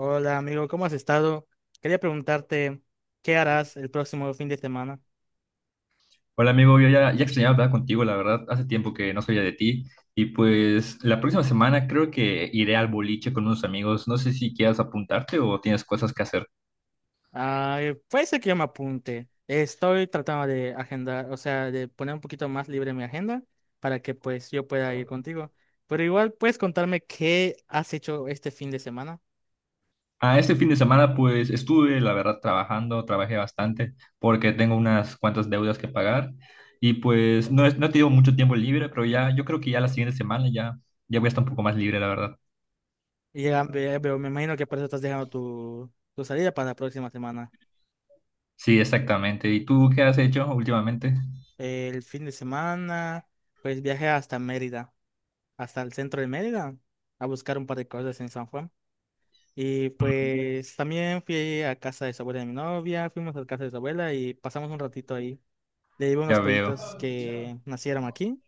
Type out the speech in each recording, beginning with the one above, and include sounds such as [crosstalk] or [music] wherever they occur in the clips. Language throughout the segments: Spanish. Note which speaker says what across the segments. Speaker 1: Hola amigo, ¿cómo has estado? Quería preguntarte, ¿qué harás el próximo fin de semana?
Speaker 2: Hola amigo, yo ya extrañaba hablar contigo, la verdad, hace tiempo que no sabía de ti y pues la próxima semana creo que iré al boliche con unos amigos, no sé si quieras apuntarte o tienes cosas que hacer.
Speaker 1: Ah, puede ser que yo me apunte. Estoy tratando de agendar, o sea, de poner un poquito más libre mi agenda para que pues yo pueda ir contigo. Pero igual puedes contarme qué has hecho este fin de semana.
Speaker 2: Ah, este fin de semana pues estuve, la verdad, trabajando, trabajé bastante porque tengo unas cuantas deudas que pagar y pues no, no he tenido mucho tiempo libre, pero ya yo creo que ya la siguiente semana ya, voy a estar un poco más libre, la verdad.
Speaker 1: Y ya veo, me imagino que por eso estás dejando tu salida para la próxima semana.
Speaker 2: Sí, exactamente. ¿Y tú qué has hecho últimamente?
Speaker 1: El fin de semana, pues viajé hasta Mérida, hasta el centro de Mérida, a buscar un par de cosas en San Juan. Y
Speaker 2: Mm,
Speaker 1: pues también fui a casa de su abuela de mi novia, fuimos a casa de su abuela y pasamos un ratito ahí. Le llevé unos
Speaker 2: Ya veo.
Speaker 1: pollitos que nacieron aquí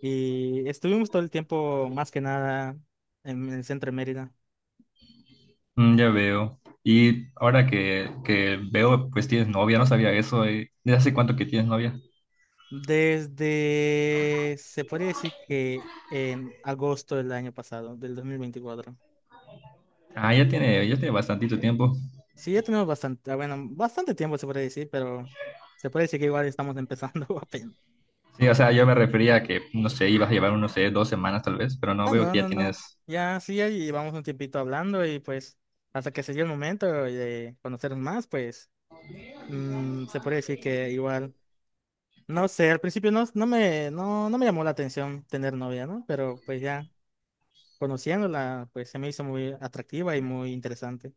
Speaker 1: y estuvimos todo el tiempo, más que nada, en el centro de Mérida.
Speaker 2: Ya veo. Y ahora que veo, pues tienes novia, no sabía eso, eh. ¿Desde hace cuánto que tienes novia?
Speaker 1: Desde, se podría decir que en agosto del año pasado, del 2024.
Speaker 2: Ah, ya tiene bastantito tiempo.
Speaker 1: Sí, ya tenemos bastante, ah, bueno, bastante tiempo se podría decir, pero se puede decir que igual estamos empezando [laughs] apenas.
Speaker 2: Sí, o sea, yo me refería a que, no sé, ibas a llevar, no sé, dos semanas tal vez, pero no
Speaker 1: Ah,
Speaker 2: veo
Speaker 1: no,
Speaker 2: que ya
Speaker 1: no, no.
Speaker 2: tienes...
Speaker 1: Ya sí, ahí vamos un tiempito hablando y pues hasta que se dio el momento de conocernos más, pues se puede decir que igual, no sé, al principio no, no me, no, no me llamó la atención tener novia, ¿no? Pero pues ya conociéndola, pues se me hizo muy atractiva y muy interesante.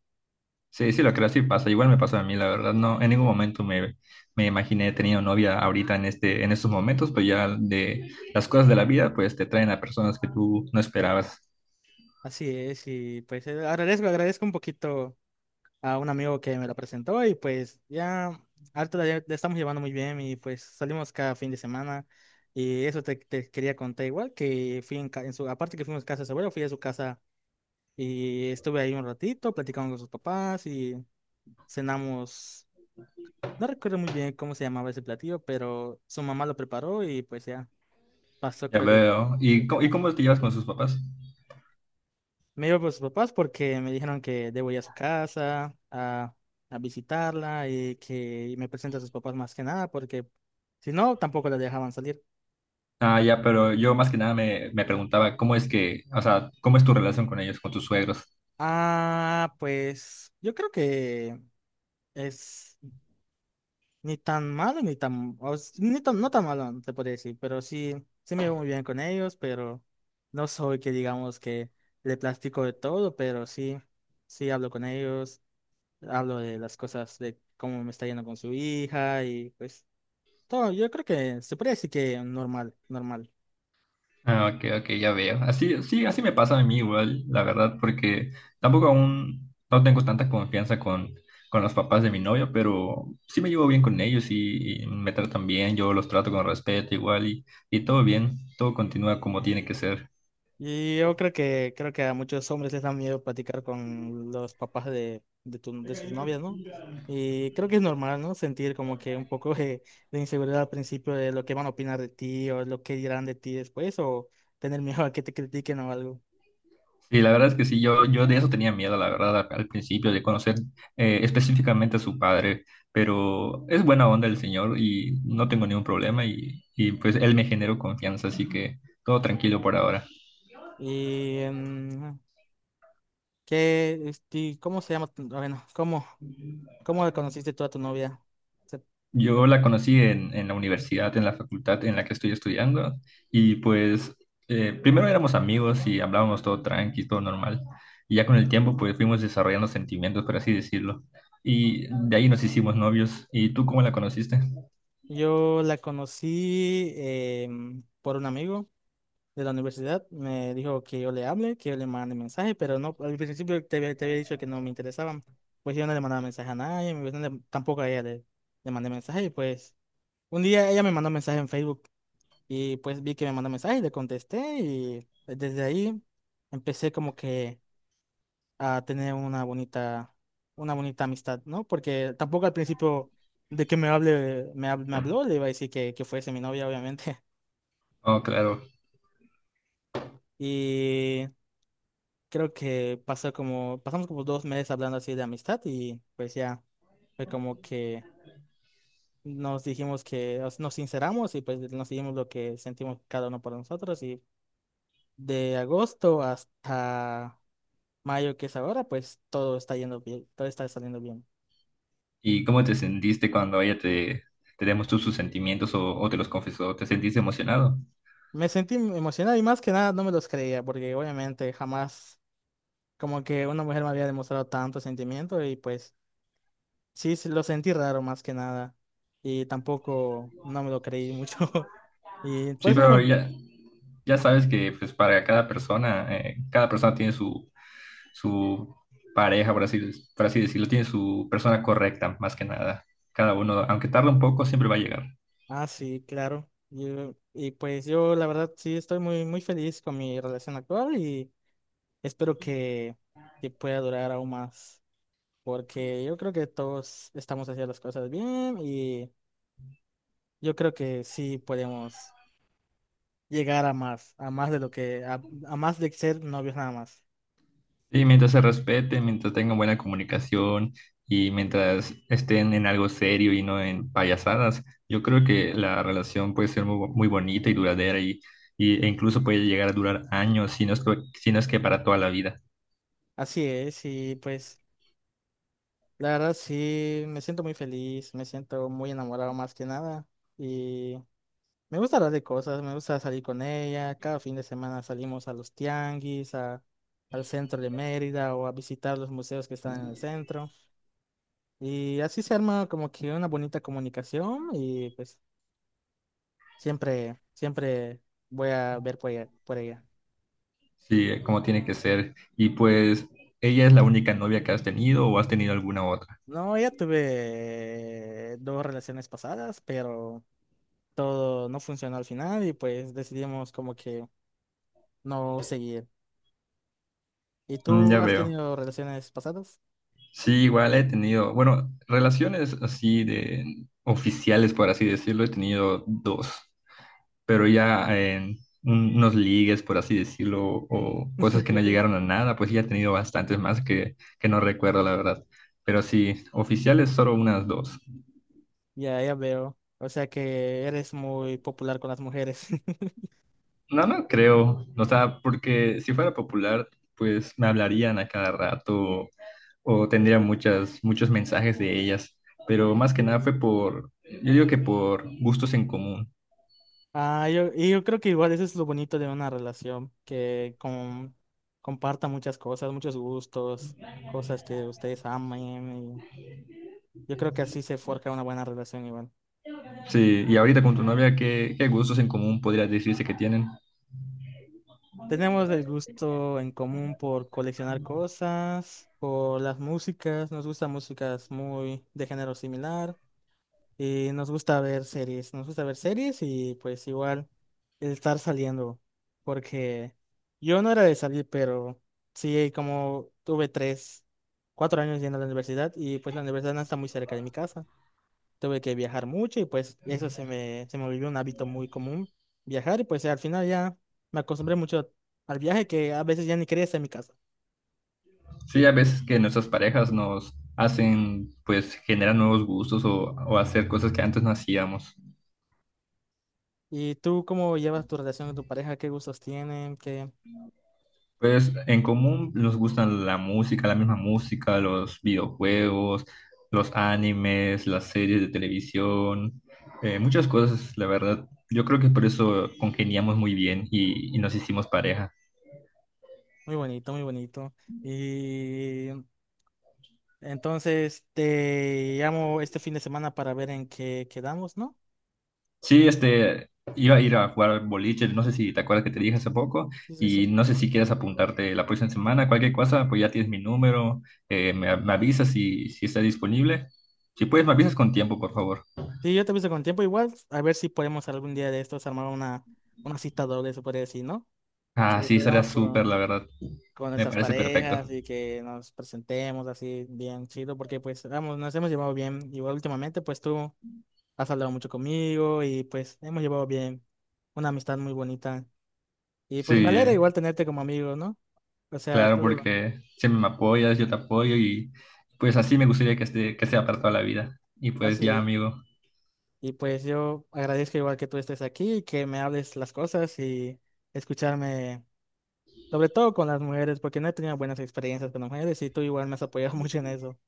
Speaker 2: Sí, sí, lo creo, sí pasa. Igual me pasó a mí, la verdad. No, en ningún momento me imaginé teniendo novia ahorita en estos momentos, pues ya de las cosas de la vida, pues te traen a personas que tú no esperabas.
Speaker 1: Así es, y pues agradezco un poquito a un amigo que me la presentó y pues ya harto la estamos llevando muy bien y pues salimos cada fin de semana y eso te quería contar igual que fui en su, aparte que fuimos a casa de su abuelo, fui a su casa y estuve ahí un ratito platicando con sus papás y cenamos, no recuerdo muy bien cómo se llamaba ese platillo, pero su mamá lo preparó y pues ya pasó
Speaker 2: Ya
Speaker 1: creo que.
Speaker 2: veo. ¿Y, y cómo te llevas con sus papás?
Speaker 1: Me iba por sus papás porque me dijeron que debo ir a su casa a visitarla y que me presente a sus papás más que nada porque si no, tampoco la dejaban salir.
Speaker 2: Ah, ya, pero yo más que nada me preguntaba cómo es que, o sea, cómo es tu relación con ellos, con tus suegros.
Speaker 1: Ah, pues yo creo que es ni tan malo ni tan, o s- ni tan, no tan malo, te podría decir, pero sí, sí me llevo muy bien con ellos, pero no soy que digamos que le platico de todo, pero sí, sí hablo con ellos, hablo de las cosas de cómo me está yendo con su hija y pues... Todo, yo creo que se puede decir que normal, normal.
Speaker 2: Ah, ok, ok, ya veo. Así, sí, así me pasa a mí igual, la verdad, porque tampoco aún no tengo tanta confianza con los papás de mi novia, pero sí me llevo bien con ellos y me tratan bien, yo los trato con respeto igual y todo bien, todo continúa como tiene que ser.
Speaker 1: Y yo creo que a muchos hombres les da miedo platicar con los papás de sus novias, ¿no? Y creo que es normal, ¿no? Sentir como que un poco de inseguridad al principio de lo que van a opinar de ti o lo que dirán de ti después o tener miedo a que te critiquen o algo.
Speaker 2: Sí, la verdad es que sí, yo de eso tenía miedo, la verdad, al principio, de conocer específicamente a su padre, pero es buena onda el señor y no tengo ningún problema y, pues él me generó confianza, así que todo tranquilo por ahora.
Speaker 1: Y ¿qué, este, cómo se llama? Ah, bueno, ¿cómo conociste tú a tu novia? Se-
Speaker 2: Yo la conocí en la universidad, en la facultad en la que estoy estudiando y pues primero éramos amigos y hablábamos todo tranqui, todo normal y ya con el tiempo pues fuimos desarrollando sentimientos, por así decirlo. Y de ahí nos hicimos novios. ¿Y tú cómo la conociste?
Speaker 1: Yo la conocí por un amigo de la universidad, me dijo que yo le hable, que yo le mande mensaje, pero no, al principio, te había dicho que no me interesaban. Pues yo no le mandaba mensaje a nadie, pues, tampoco a ella le mandé mensaje. Y pues un día ella me mandó mensaje en Facebook y pues vi que me mandó mensaje y le contesté y desde ahí empecé como que a tener una bonita amistad, ¿no? Porque tampoco al principio de que me hable, me habló, le iba a decir que fuese mi novia, obviamente.
Speaker 2: Oh, claro.
Speaker 1: [laughs] Y creo que pasamos como 2 meses hablando así de amistad y pues ya fue como que nos dijimos que nos sinceramos y pues nos dijimos lo que sentimos cada uno por nosotros y de agosto hasta mayo que es ahora, pues todo está yendo bien, todo está saliendo bien.
Speaker 2: ¿Y cómo te sentiste cuando ella te demostró sus sentimientos o te los confesó? ¿Te sentiste emocionado?
Speaker 1: Me sentí emocionado y más que nada no me los creía porque obviamente jamás como que una mujer me había demostrado tanto sentimiento y pues sí, sí, lo sentí raro más que nada y tampoco no me lo creí mucho. [laughs] Y
Speaker 2: Sí,
Speaker 1: pues,
Speaker 2: pero
Speaker 1: bueno,
Speaker 2: ya, ya sabes que pues para cada persona tiene su, su pareja, por así decirlo, tiene su persona correcta, más que nada. Cada uno, aunque tarde un poco, siempre va a llegar.
Speaker 1: ah, sí, claro. Y pues yo la verdad sí estoy muy, muy feliz con mi relación actual y espero que pueda durar aún más, porque yo creo que todos estamos haciendo las cosas bien y yo creo que sí podemos llegar a más de lo que, a más de ser novios nada más.
Speaker 2: Sí, mientras se respeten, mientras tengan buena comunicación y mientras estén en algo serio y no en payasadas, yo creo que la relación puede ser muy, muy bonita y duradera y, e incluso puede llegar a durar años, si no es, si no es que para toda la vida.
Speaker 1: Así es, y pues la verdad sí me siento muy feliz, me siento muy enamorado más que nada. Me gusta hablar de cosas, me gusta salir con ella. Cada fin de semana salimos a los tianguis, al centro de Mérida o a visitar los museos que están en el centro. Y así se arma como que una bonita comunicación y pues siempre, siempre voy a ver por ella, por ella.
Speaker 2: Sí, como tiene que ser. Y pues, ¿ella es la única novia que has tenido o has tenido alguna otra?
Speaker 1: No, ya tuve dos relaciones pasadas, pero todo no funcionó al final y pues decidimos como que no seguir. ¿Y
Speaker 2: Mm,
Speaker 1: tú
Speaker 2: ya
Speaker 1: has
Speaker 2: veo.
Speaker 1: tenido relaciones pasadas?
Speaker 2: Sí, igual he tenido, bueno, relaciones así de oficiales, por así decirlo, he tenido dos. Pero ya en unos ligues, por así decirlo, o cosas que no
Speaker 1: [laughs]
Speaker 2: llegaron a nada, pues sí, ya he tenido bastantes más que no recuerdo, la verdad. Pero sí, oficiales solo unas dos.
Speaker 1: Ya, ya veo. O sea que eres muy popular con las mujeres. [laughs]
Speaker 2: No, no creo, o sea, porque si fuera popular, pues me hablarían a cada rato o tendría muchos mensajes de ellas, pero más que nada fue por, yo digo que por gustos en común.
Speaker 1: Ah, y yo creo que igual eso es lo bonito de una relación, que comparta muchas cosas, muchos gustos, cosas que ustedes amen. Y yo creo que así se forja una buena relación igual.
Speaker 2: Sí, y ahorita con tu novia, ¿ qué gustos en común podría decirse que tienen?
Speaker 1: Tenemos el gusto en común por coleccionar cosas, por las músicas, nos gustan músicas muy de género similar. Y nos gusta ver series, nos gusta ver series y pues igual el estar saliendo, porque yo no era de salir, pero sí, como tuve tres, cuatro años yendo a la universidad y pues la universidad no está muy cerca de mi casa, tuve que viajar mucho y pues eso se me volvió un hábito muy común, viajar y pues al final ya me acostumbré mucho al viaje que a veces ya ni quería estar en mi casa.
Speaker 2: Sí, a veces que nuestras parejas nos hacen, pues generan nuevos gustos o hacer cosas que antes no hacíamos.
Speaker 1: ¿Y tú cómo llevas tu relación con tu pareja? ¿Qué gustos tienen? ¿Qué?
Speaker 2: Pues en común nos gustan la música, la misma música, los videojuegos, los animes, las series de televisión, muchas cosas, la verdad. Yo creo que por eso congeniamos muy bien y nos hicimos pareja.
Speaker 1: Muy bonito, muy bonito. Y entonces, te llamo este fin de semana para ver en qué quedamos, ¿no?
Speaker 2: Sí, este, iba a ir a jugar boliche, no sé si te acuerdas que te dije hace poco,
Speaker 1: Sí, sí,
Speaker 2: y
Speaker 1: sí.
Speaker 2: no sé si quieres apuntarte la próxima semana, cualquier cosa, pues ya tienes mi número, me avisas si está disponible. Si puedes, me avisas con tiempo, por favor.
Speaker 1: Sí, yo te aviso con tiempo igual, a ver si podemos algún día de estos armar una cita doble, se podría decir, ¿no?
Speaker 2: Ah,
Speaker 1: Que
Speaker 2: sí, estaría
Speaker 1: salgamos
Speaker 2: súper,
Speaker 1: con,
Speaker 2: la verdad.
Speaker 1: con
Speaker 2: Me
Speaker 1: nuestras
Speaker 2: parece perfecto.
Speaker 1: parejas y que nos presentemos así bien chido, porque pues, vamos, nos hemos llevado bien. Igual últimamente, pues tú has hablado mucho conmigo y pues hemos llevado bien una amistad muy bonita. Y pues me
Speaker 2: Sí,
Speaker 1: alegra igual tenerte como amigo, ¿no? O sea,
Speaker 2: claro,
Speaker 1: todo
Speaker 2: porque siempre me apoyas, yo te apoyo y pues así me gustaría que, esté, que sea para toda la vida. Y pues ya,
Speaker 1: así.
Speaker 2: amigo,
Speaker 1: Y pues yo agradezco igual que tú estés aquí, y que me hables las cosas y escucharme, sobre todo con las mujeres, porque no he tenido buenas experiencias con las mujeres y tú igual me has apoyado [laughs] mucho en eso.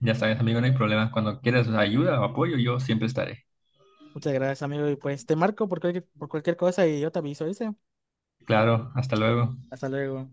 Speaker 2: ya sabes, amigo, no hay problema. Cuando quieras ayuda o apoyo, yo siempre estaré.
Speaker 1: Muchas gracias, amigo. Y pues te marco por cualquier cosa y yo te aviso, dice.
Speaker 2: Claro, hasta luego.
Speaker 1: Hasta luego.